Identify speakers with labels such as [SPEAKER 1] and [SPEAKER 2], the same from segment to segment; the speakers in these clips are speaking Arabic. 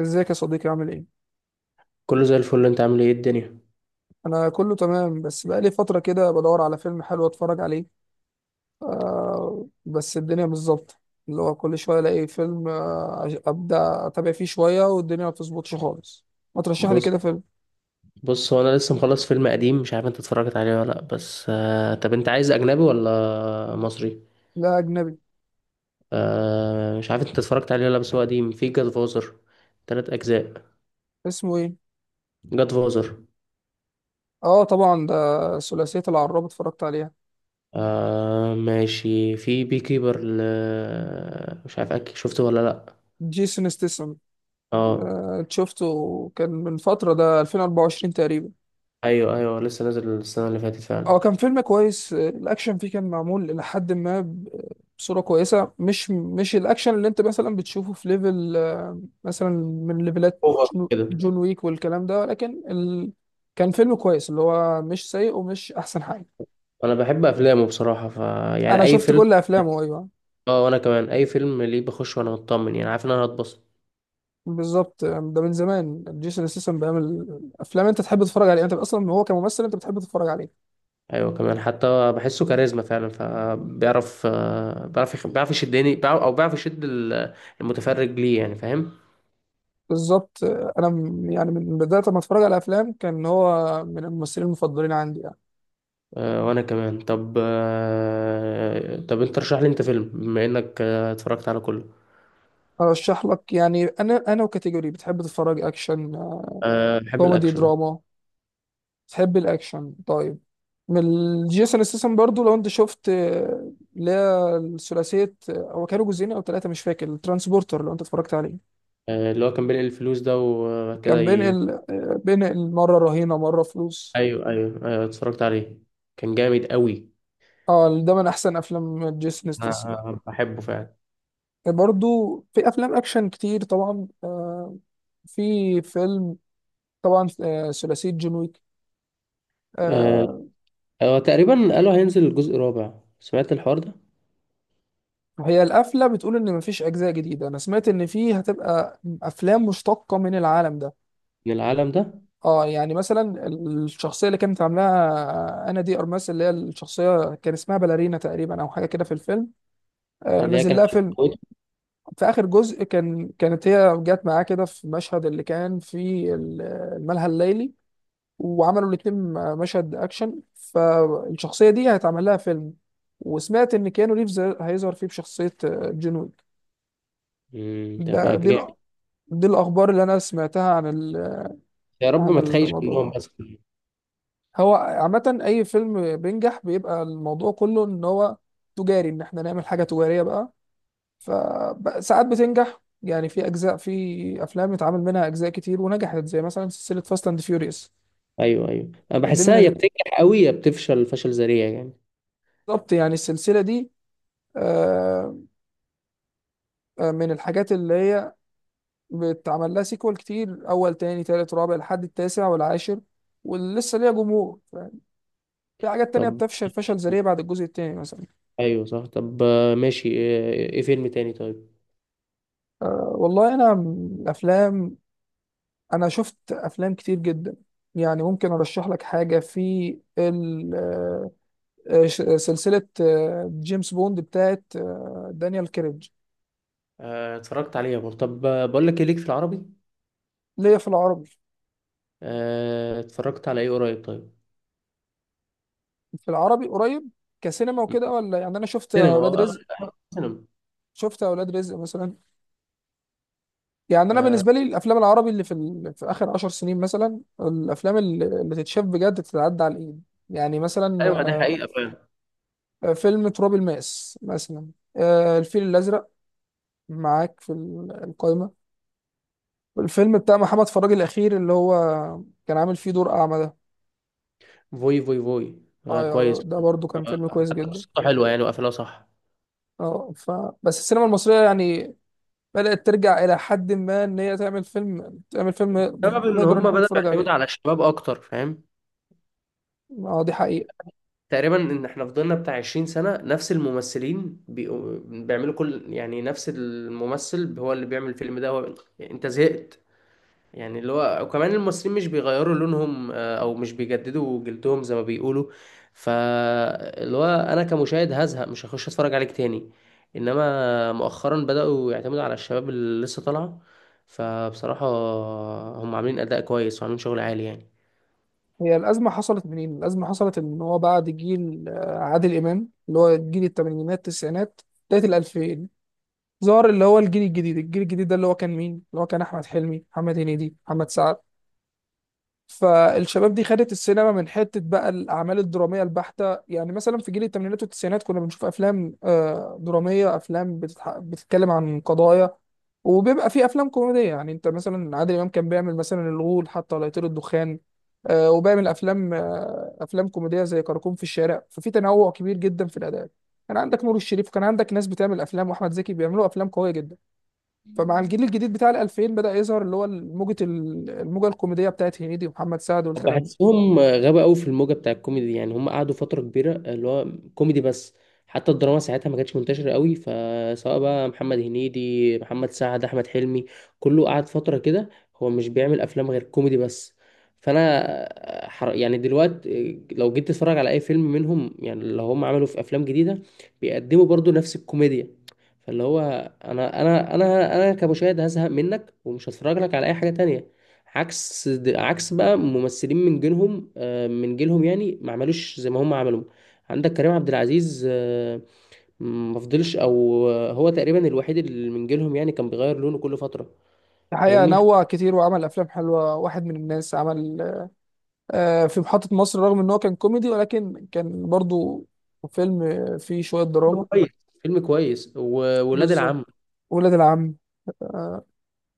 [SPEAKER 1] ازيك يا صديقي؟ عامل ايه؟
[SPEAKER 2] كله زي الفل. انت عامل ايه؟ إيه الدنيا؟
[SPEAKER 1] انا كله تمام، بس بقالي فترة كده بدور على فيلم حلو اتفرج عليه. بس الدنيا مش ظابطة، اللي هو كل شوية الاقي فيلم، ابدا اتابع فيه شوية والدنيا ما بتظبطش خالص. ما ترشح لي
[SPEAKER 2] بص
[SPEAKER 1] كده فيلم.
[SPEAKER 2] بص. هو انا لسه مخلص فيلم قديم، مش عارف انت اتفرجت عليه ولا لا. بس طب انت عايز اجنبي ولا مصري؟
[SPEAKER 1] لا، اجنبي.
[SPEAKER 2] مش عارف انت اتفرجت عليه ولا لا، بس هو قديم، في جاد فوزر، 3 اجزاء.
[SPEAKER 1] اسمه ايه؟
[SPEAKER 2] جاد فوزر.
[SPEAKER 1] اه، طبعا ده ثلاثية العراب، اتفرجت عليها.
[SPEAKER 2] آه ماشي. في بي كيبر مش عارف، اكيد شفته ولا لا.
[SPEAKER 1] جيسون ستيسن.
[SPEAKER 2] اه.
[SPEAKER 1] آه، شفته، كان من فترة، ده 2024 تقريبا.
[SPEAKER 2] ايوه ايوه، لسه نازل السنه اللي فاتت فعلا.
[SPEAKER 1] اه كان فيلم كويس. الاكشن فيه كان معمول الى حد ما بصوره كويسه، مش الاكشن اللي انت مثلا بتشوفه في ليفل، مثلا، من ليفلات
[SPEAKER 2] اوفر
[SPEAKER 1] جون
[SPEAKER 2] كده.
[SPEAKER 1] جون ويك والكلام ده، ولكن كان فيلم كويس، اللي هو مش سيء ومش احسن حاجه.
[SPEAKER 2] انا بحب افلامه بصراحه، ف يعني
[SPEAKER 1] انا
[SPEAKER 2] اي
[SPEAKER 1] شفت
[SPEAKER 2] فيلم.
[SPEAKER 1] كل افلامه، ايوه.
[SPEAKER 2] اه وانا كمان، اي فيلم ليه بخش وانا مطمن، يعني عارف ان انا هتبسط.
[SPEAKER 1] بالظبط. ده من زمان جيسون ستاثام بيعمل افلام انت تحب تتفرج عليها، انت اصلا هو كممثل انت بتحب تتفرج عليه.
[SPEAKER 2] ايوه، كمان حتى بحسه كاريزما فعلا، فبيعرف، بيعرف يشدني، بيعرف- او بيعرف يشد المتفرج، ليه يعني فاهم.
[SPEAKER 1] بالظبط. يعني من بدايه ما اتفرج على افلام كان هو من الممثلين المفضلين عندي.
[SPEAKER 2] وانا كمان. طب انت رشح لي انت فيلم، بما انك اتفرجت على كله.
[SPEAKER 1] ارشح لك؟ يعني انا وكاتيجوري بتحب تتفرج، اكشن،
[SPEAKER 2] بحب
[SPEAKER 1] كوميدي،
[SPEAKER 2] الاكشن أهو.
[SPEAKER 1] دراما؟ بتحب الاكشن؟ طيب، من جيسون ستاثام برضو، لو انت شفت، اللي هي الثلاثيه، هو كانوا جزئين او ثلاثه مش فاكر، الترانسبورتر، لو انت اتفرجت عليه.
[SPEAKER 2] اللي هو كان بينقل الفلوس ده وكده
[SPEAKER 1] كان بينقل، بينقل مره رهينه مره فلوس.
[SPEAKER 2] ايوه ايوه ايوه، اتفرجت عليه، كان جامد قوي.
[SPEAKER 1] اه، ده من احسن افلام جيسون ستاثام.
[SPEAKER 2] أنا بحبه فعلا.
[SPEAKER 1] برضو في افلام اكشن كتير طبعا. في فيلم، طبعا، ثلاثيه جون
[SPEAKER 2] آه،
[SPEAKER 1] ويك.
[SPEAKER 2] هو تقريبا قالوا هينزل الجزء الرابع، سمعت الحوار ده.
[SPEAKER 1] هي القفلة بتقول إن مفيش أجزاء جديدة، أنا سمعت إن فيه هتبقى أفلام مشتقة من العالم ده.
[SPEAKER 2] من العالم ده.
[SPEAKER 1] اه يعني مثلا الشخصية اللي كانت عاملاها أنا دي أرماس، اللي هي الشخصية كان اسمها باليرينا تقريبا أو حاجة كده في الفيلم. آه،
[SPEAKER 2] اللي هي
[SPEAKER 1] نزل
[SPEAKER 2] كانت
[SPEAKER 1] لها فيلم. في آخر جزء، كان كانت هي جت معاه كده في مشهد اللي كان في الملهى الليلي، وعملوا الاتنين مشهد أكشن. فالشخصية دي هيتعمل لها فيلم، وسمعت إن كيانو ريفز هيظهر فيه بشخصية، جون ويك. ده
[SPEAKER 2] تبقى
[SPEAKER 1] دي
[SPEAKER 2] جامد.
[SPEAKER 1] دي الأخبار اللي أنا سمعتها عن
[SPEAKER 2] يا رب
[SPEAKER 1] عن
[SPEAKER 2] ما تخيش
[SPEAKER 1] الموضوع
[SPEAKER 2] منهم
[SPEAKER 1] ده.
[SPEAKER 2] بس.
[SPEAKER 1] هو عامة أي فيلم بينجح بيبقى الموضوع كله إن هو تجاري، إن إحنا نعمل حاجة تجارية بقى. فساعات بتنجح، يعني في أجزاء، في أفلام اتعمل منها أجزاء كتير ونجحت، زي مثلا سلسلة فاست أند فيوريوس.
[SPEAKER 2] ايوه ايوه، انا
[SPEAKER 1] دي
[SPEAKER 2] بحسها يا
[SPEAKER 1] من
[SPEAKER 2] بتنجح قوي يا بتفشل فشل ذريع يعني.
[SPEAKER 1] بالظبط، يعني السلسلة دي، آه، من الحاجات اللي هي بتعمل لها سيكوال كتير، أول تاني تالت رابع لحد التاسع والعاشر ولسه ليها جمهور. في حاجات تانية
[SPEAKER 2] طب.
[SPEAKER 1] بتفشل فشل ذريع بعد الجزء التاني مثلا.
[SPEAKER 2] ايوه صح. طب ماشي. ايه فيلم تاني طيب؟
[SPEAKER 1] أه والله انا م- افلام، انا شفت افلام كتير جدا. يعني ممكن ارشح لك حاجه في ال- آه، سلسله، جيمس بوند بتاعت، دانيال كريج.
[SPEAKER 2] اتفرجت عليه يا بور. طب بقول لك ايه، ليك في العربي؟
[SPEAKER 1] ليا في العربي؟
[SPEAKER 2] اتفرجت على ايه قريب طيب؟
[SPEAKER 1] في العربي قريب كسينما وكده ولا؟ يعني انا شفت
[SPEAKER 2] سينما
[SPEAKER 1] اولاد رزق،
[SPEAKER 2] سينما.
[SPEAKER 1] شفت اولاد رزق مثلا. يعني انا
[SPEAKER 2] آه،
[SPEAKER 1] بالنسبه لي الافلام العربي اللي في في اخر عشر سنين مثلا، الافلام اللي تتشاف بجد تتعدى على الايد. يعني مثلا،
[SPEAKER 2] ايوه، ده حقيقة فعلا.
[SPEAKER 1] فيلم تراب الماس مثلا، الفيل الازرق معاك في القايمة. الفيلم بتاع محمد فراج الأخير اللي هو كان عامل فيه دور أعمى ده.
[SPEAKER 2] فوي فوي فوي،
[SPEAKER 1] اه،
[SPEAKER 2] كويس.
[SPEAKER 1] ده برضو كان
[SPEAKER 2] آه،
[SPEAKER 1] فيلم كويس
[SPEAKER 2] حتى
[SPEAKER 1] جدا.
[SPEAKER 2] قصته حلوه يعني، وقفلها صح.
[SPEAKER 1] اه، ف، بس السينما المصرية يعني بدأت ترجع إلى حد ما إن هي تعمل فيلم، تعمل فيلم
[SPEAKER 2] سبب ان
[SPEAKER 1] نقدر إن
[SPEAKER 2] هم
[SPEAKER 1] إحنا
[SPEAKER 2] بدأوا
[SPEAKER 1] نتفرج
[SPEAKER 2] يعتمدوا
[SPEAKER 1] عليه.
[SPEAKER 2] على الشباب اكتر، فاهم؟
[SPEAKER 1] اه دي حقيقة.
[SPEAKER 2] تقريبا ان احنا فضلنا بتاع 20 سنة نفس الممثلين، بيعملوا كل، يعني نفس الممثل هو اللي بيعمل الفيلم ده، هو انت زهقت. يعني اللي هو، وكمان الممثلين مش بيغيروا لونهم، او مش بيجددوا جلدهم زي ما بيقولوا. فاللي هو انا كمشاهد هزهق، مش هخش اتفرج عليك تاني. انما مؤخرا بدأوا يعتمدوا على الشباب اللي لسه طالعة، فبصراحة هم عاملين اداء كويس وعاملين شغل عالي يعني.
[SPEAKER 1] هي الأزمة حصلت منين؟ الأزمة حصلت إن هو بعد جيل، عادل إمام، اللي هو جيل التمانينات التسعينات بداية الألفين، ظهر اللي هو الجيل الجديد. الجيل الجديد ده اللي هو كان مين؟ اللي هو كان أحمد حلمي، محمد هنيدي، محمد سعد. فالشباب دي خدت السينما من حته بقى الاعمال الدراميه البحته. يعني مثلا في جيل الثمانينات والتسعينات كنا بنشوف افلام، دراميه، افلام بتتكلم عن قضايا، وبيبقى في افلام كوميديه. يعني انت مثلا عادل امام كان بيعمل مثلا الغول، حتى لا يطير الدخان، وبيعمل افلام، افلام كوميديه زي كراكون في الشارع. ففي تنوع كبير جدا في الاداء. كان عندك نور الشريف، كان عندك ناس بتعمل افلام، واحمد زكي بيعملوا افلام قويه جدا. فمع الجيل الجديد بتاع ال 2000 بدأ يظهر اللي هو الموجة الموجة الكوميدية بتاعت هنيدي ومحمد سعد والكلام ده.
[SPEAKER 2] بحسهم غابة قوي في الموجة بتاع الكوميدي، يعني هم قعدوا فترة كبيرة اللي هو كوميدي بس. حتى الدراما ساعتها ما كانتش منتشرة قوي، فسواء بقى محمد هنيدي، محمد سعد، أحمد حلمي، كله قعد فترة كده. هو مش بيعمل أفلام غير كوميدي بس. فأنا يعني دلوقتي لو جيت تتفرج على أي فيلم منهم، يعني اللي هم عملوا في أفلام جديدة، بيقدموا برضو نفس الكوميديا. فاللي هو أنا كمشاهد هزهق منك، ومش هتفرج لك على أي حاجة تانية. عكس بقى ممثلين من جيلهم، من جيلهم، يعني ما عملوش زي ما هم عملوا. عندك كريم عبد العزيز، ما فضلش. او هو تقريبا الوحيد اللي من جيلهم، يعني كان بيغير لونه كل فتره،
[SPEAKER 1] الحقيقة
[SPEAKER 2] فاهمني.
[SPEAKER 1] نوع كتير، وعمل أفلام حلوة، واحد من الناس عمل، في محطة مصر، رغم إن هو كان كوميدي ولكن كان برضو فيلم فيه شوية
[SPEAKER 2] فيلم
[SPEAKER 1] دراما.
[SPEAKER 2] كويس. فيلم كويس، وولاد
[SPEAKER 1] بالظبط،
[SPEAKER 2] العم.
[SPEAKER 1] ولاد العم.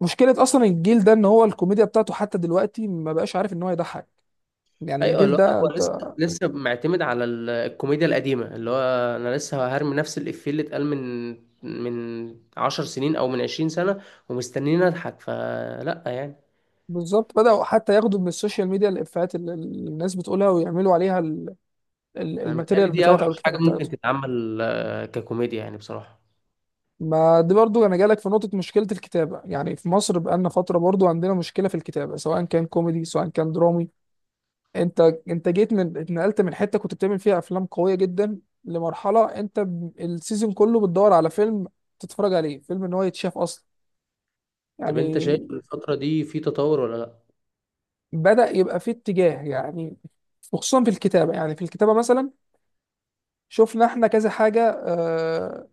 [SPEAKER 1] مشكلة أصلا الجيل ده إن هو الكوميديا بتاعته حتى دلوقتي ما بقاش عارف إن هو يضحك. يعني
[SPEAKER 2] ايوه،
[SPEAKER 1] الجيل
[SPEAKER 2] اللي
[SPEAKER 1] ده
[SPEAKER 2] هو
[SPEAKER 1] أنت،
[SPEAKER 2] لسه معتمد على الكوميديا القديمه، اللي هو انا لسه هرمي نفس الافيه اللي اتقال من 10 سنين او من 20 سنه، ومستنيين اضحك فلا يعني.
[SPEAKER 1] بالظبط، بدأوا حتى ياخدوا من السوشيال ميديا الإفيهات اللي الناس بتقولها، ويعملوا عليها
[SPEAKER 2] انا
[SPEAKER 1] الماتيريال
[SPEAKER 2] متهيألي دي
[SPEAKER 1] بتاعتها أو
[SPEAKER 2] اوحش حاجه
[SPEAKER 1] الكتابة
[SPEAKER 2] ممكن
[SPEAKER 1] بتاعتها.
[SPEAKER 2] تتعمل ككوميديا يعني بصراحه.
[SPEAKER 1] ما دي برضو انا جالك في نقطة، مشكلة الكتابة. يعني في مصر بقالنا فترة برضو عندنا مشكلة في الكتابة، سواء كان كوميدي سواء كان درامي. انت انت جيت من، اتنقلت من حتة كنت بتعمل فيها افلام قوية جدا لمرحلة انت السيزون كله بتدور على فيلم تتفرج عليه، فيلم ان هو يتشاف اصلا.
[SPEAKER 2] طب انت
[SPEAKER 1] يعني
[SPEAKER 2] شايف الفتره دي في تطور ولا لا؟
[SPEAKER 1] بدأ يبقى فيه اتجاه، يعني وخصوصا في الكتابة. يعني في الكتابة مثلا، شفنا احنا كذا حاجة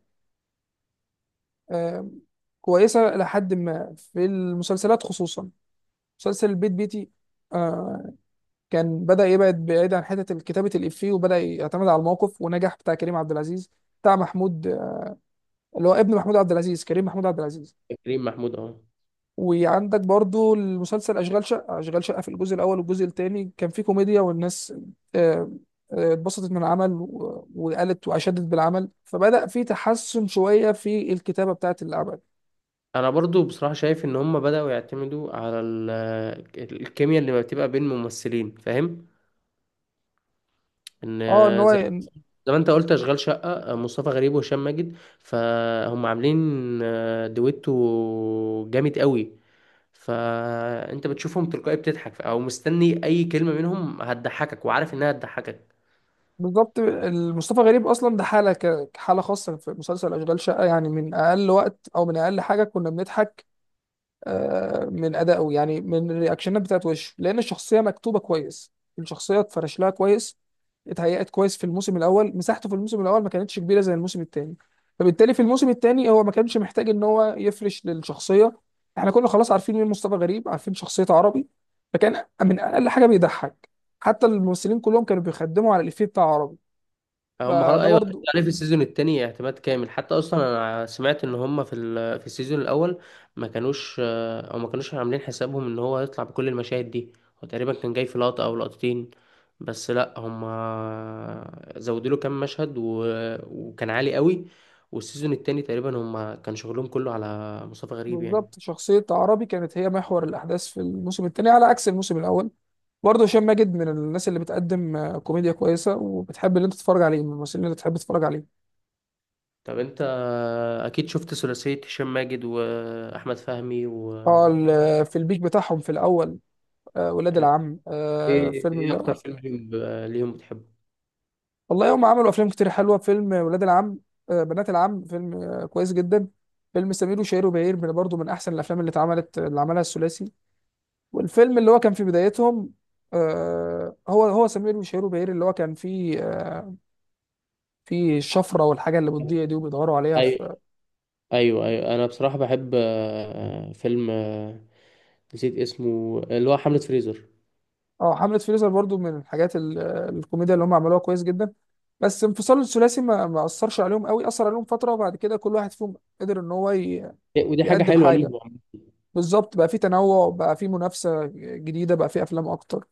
[SPEAKER 1] آه، كويسة، لحد ما في المسلسلات خصوصا، مسلسل البيت بيتي، آه، كان بدأ يبعد بعيد عن حتة كتابة الإفيه وبدأ يعتمد على الموقف ونجح، بتاع كريم عبد العزيز، بتاع محمود، اللي هو ابن محمود عبد العزيز، كريم محمود عبد العزيز.
[SPEAKER 2] يا كريم محمود اهو.
[SPEAKER 1] وعندك برضو المسلسل أشغال شقة. أشغال شقة في الجزء الأول والجزء الثاني كان فيه كوميديا، والناس آه، اتبسطت من العمل وقالت وأشادت بالعمل. فبدأ فيه تحسن شوية في الكتابة بتاعة العمل.
[SPEAKER 2] انا برضو بصراحه شايف ان هم بداوا يعتمدوا على الكيمياء اللي بتبقى بين الممثلين، فاهم؟ ان
[SPEAKER 1] اه ان هو،
[SPEAKER 2] زي ما انت قلت اشغال شقه، مصطفى غريب وهشام ماجد، فهم عاملين دويتو جامد قوي. فانت بتشوفهم تلقائي بتضحك، او مستني اي كلمه منهم هتضحكك، وعارف انها هتضحكك.
[SPEAKER 1] بالظبط، مصطفى غريب اصلا ده حاله كحاله خاصه في مسلسل اشغال شقه. يعني من اقل وقت او من اقل حاجه كنا بنضحك من ادائه، يعني من الرياكشنات بتاعت وشه، لان الشخصيه مكتوبه كويس. الشخصيه اتفرش لها كويس، اتهيأت كويس. في الموسم الاول مساحته في الموسم الاول ما كانتش كبيره زي الموسم الثاني، فبالتالي في الموسم الثاني هو ما كانش محتاج ان هو يفرش للشخصيه. احنا كنا خلاص عارفين مين مصطفى غريب، عارفين شخصيته عربي، فكان من اقل حاجه بيضحك. حتى الممثلين كلهم كانوا بيخدموا على الافيه بتاع عربي.
[SPEAKER 2] هم خلاص.
[SPEAKER 1] فده
[SPEAKER 2] ايوه هتبقى
[SPEAKER 1] برضو،
[SPEAKER 2] عليه في السيزون التاني اعتماد كامل. حتى اصلا انا سمعت ان هم في في السيزون الاول ما كانوش عاملين حسابهم ان هو هيطلع بكل المشاهد دي. هو تقريبا كان جاي في لقطة او لقطتين بس، لا هم زودوا له كام مشهد وكان عالي قوي. والسيزون التاني تقريبا هم كان شغلهم كله على مصطفى غريب يعني.
[SPEAKER 1] بالظبط، شخصية عربي كانت هي محور الأحداث في الموسم الثاني على عكس الموسم الأول. برضه هشام ماجد من الناس اللي بتقدم، كوميديا كويسة، وبتحب اللي أنت تتفرج عليه، من الممثلين اللي تحب تتفرج عليه.
[SPEAKER 2] طب انت اكيد شفت ثلاثية هشام ماجد واحمد فهمي و
[SPEAKER 1] اه، في البيك بتاعهم في الأول. ولاد العم،
[SPEAKER 2] ايه، ايه اكتر فيلم ليهم بتحبه؟
[SPEAKER 1] والله هم عملوا أفلام كتير حلوة. فيلم ولاد العم، بنات العم، فيلم كويس جدا. فيلم سمير وشهير وبهير من برضه من أحسن الأفلام اللي اتعملت اللي عملها الثلاثي. والفيلم اللي هو كان في بدايتهم، هو سمير وشهير وبهير، اللي هو كان فيه، في الشفره والحاجه اللي بتضيع دي وبيدوروا عليها
[SPEAKER 2] ايوه
[SPEAKER 1] في،
[SPEAKER 2] ايوه ايوه، انا بصراحه بحب فيلم نسيت اسمه اللي هو حمله فريزر.
[SPEAKER 1] اه، حمله فريزر. برضو من الحاجات الكوميديا اللي هم عملوها كويس جدا. بس انفصال الثلاثي ما اثرش عليهم قوي، اثر عليهم فتره وبعد كده كل واحد فيهم قدر ان هو
[SPEAKER 2] ودي حاجه
[SPEAKER 1] يقدم
[SPEAKER 2] حلوه ليهم
[SPEAKER 1] حاجه.
[SPEAKER 2] يعني.
[SPEAKER 1] بالظبط، بقى في تنوع، بقى في منافسه جديده، بقى في افلام اكتر.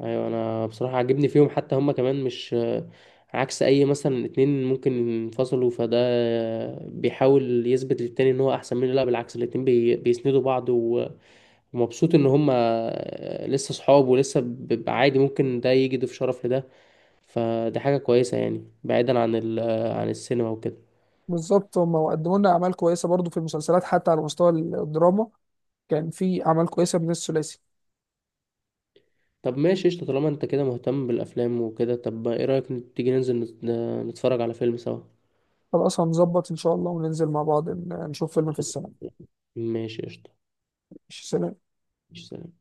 [SPEAKER 2] ايوه انا بصراحه عاجبني فيهم، حتى هم كمان مش عكس اي مثلا اتنين ممكن ينفصلوا، فده بيحاول يثبت للتاني ان هو احسن منه، لا بالعكس الاتنين بيسندوا بعض، ومبسوط ان هم لسه صحاب ولسه بيبقى عادي ممكن ده يجي يضيف شرف لده. فدي حاجه كويسه يعني، بعيدا عن عن السينما وكده.
[SPEAKER 1] بالظبط، هم قدموا لنا اعمال كويسه برضو في المسلسلات حتى على مستوى الدراما، كان في اعمال كويسه من الثلاثي.
[SPEAKER 2] طب ماشي قشطة، طالما انت كده مهتم بالافلام وكده، طب ايه رأيك تيجي ننزل نتفرج على فيلم سوا.
[SPEAKER 1] خلاص، هنظبط ان شاء الله وننزل مع بعض نشوف فيلم في السنه.
[SPEAKER 2] ماشي قشطة.
[SPEAKER 1] ماشي، سلام.
[SPEAKER 2] ماشي، سلام.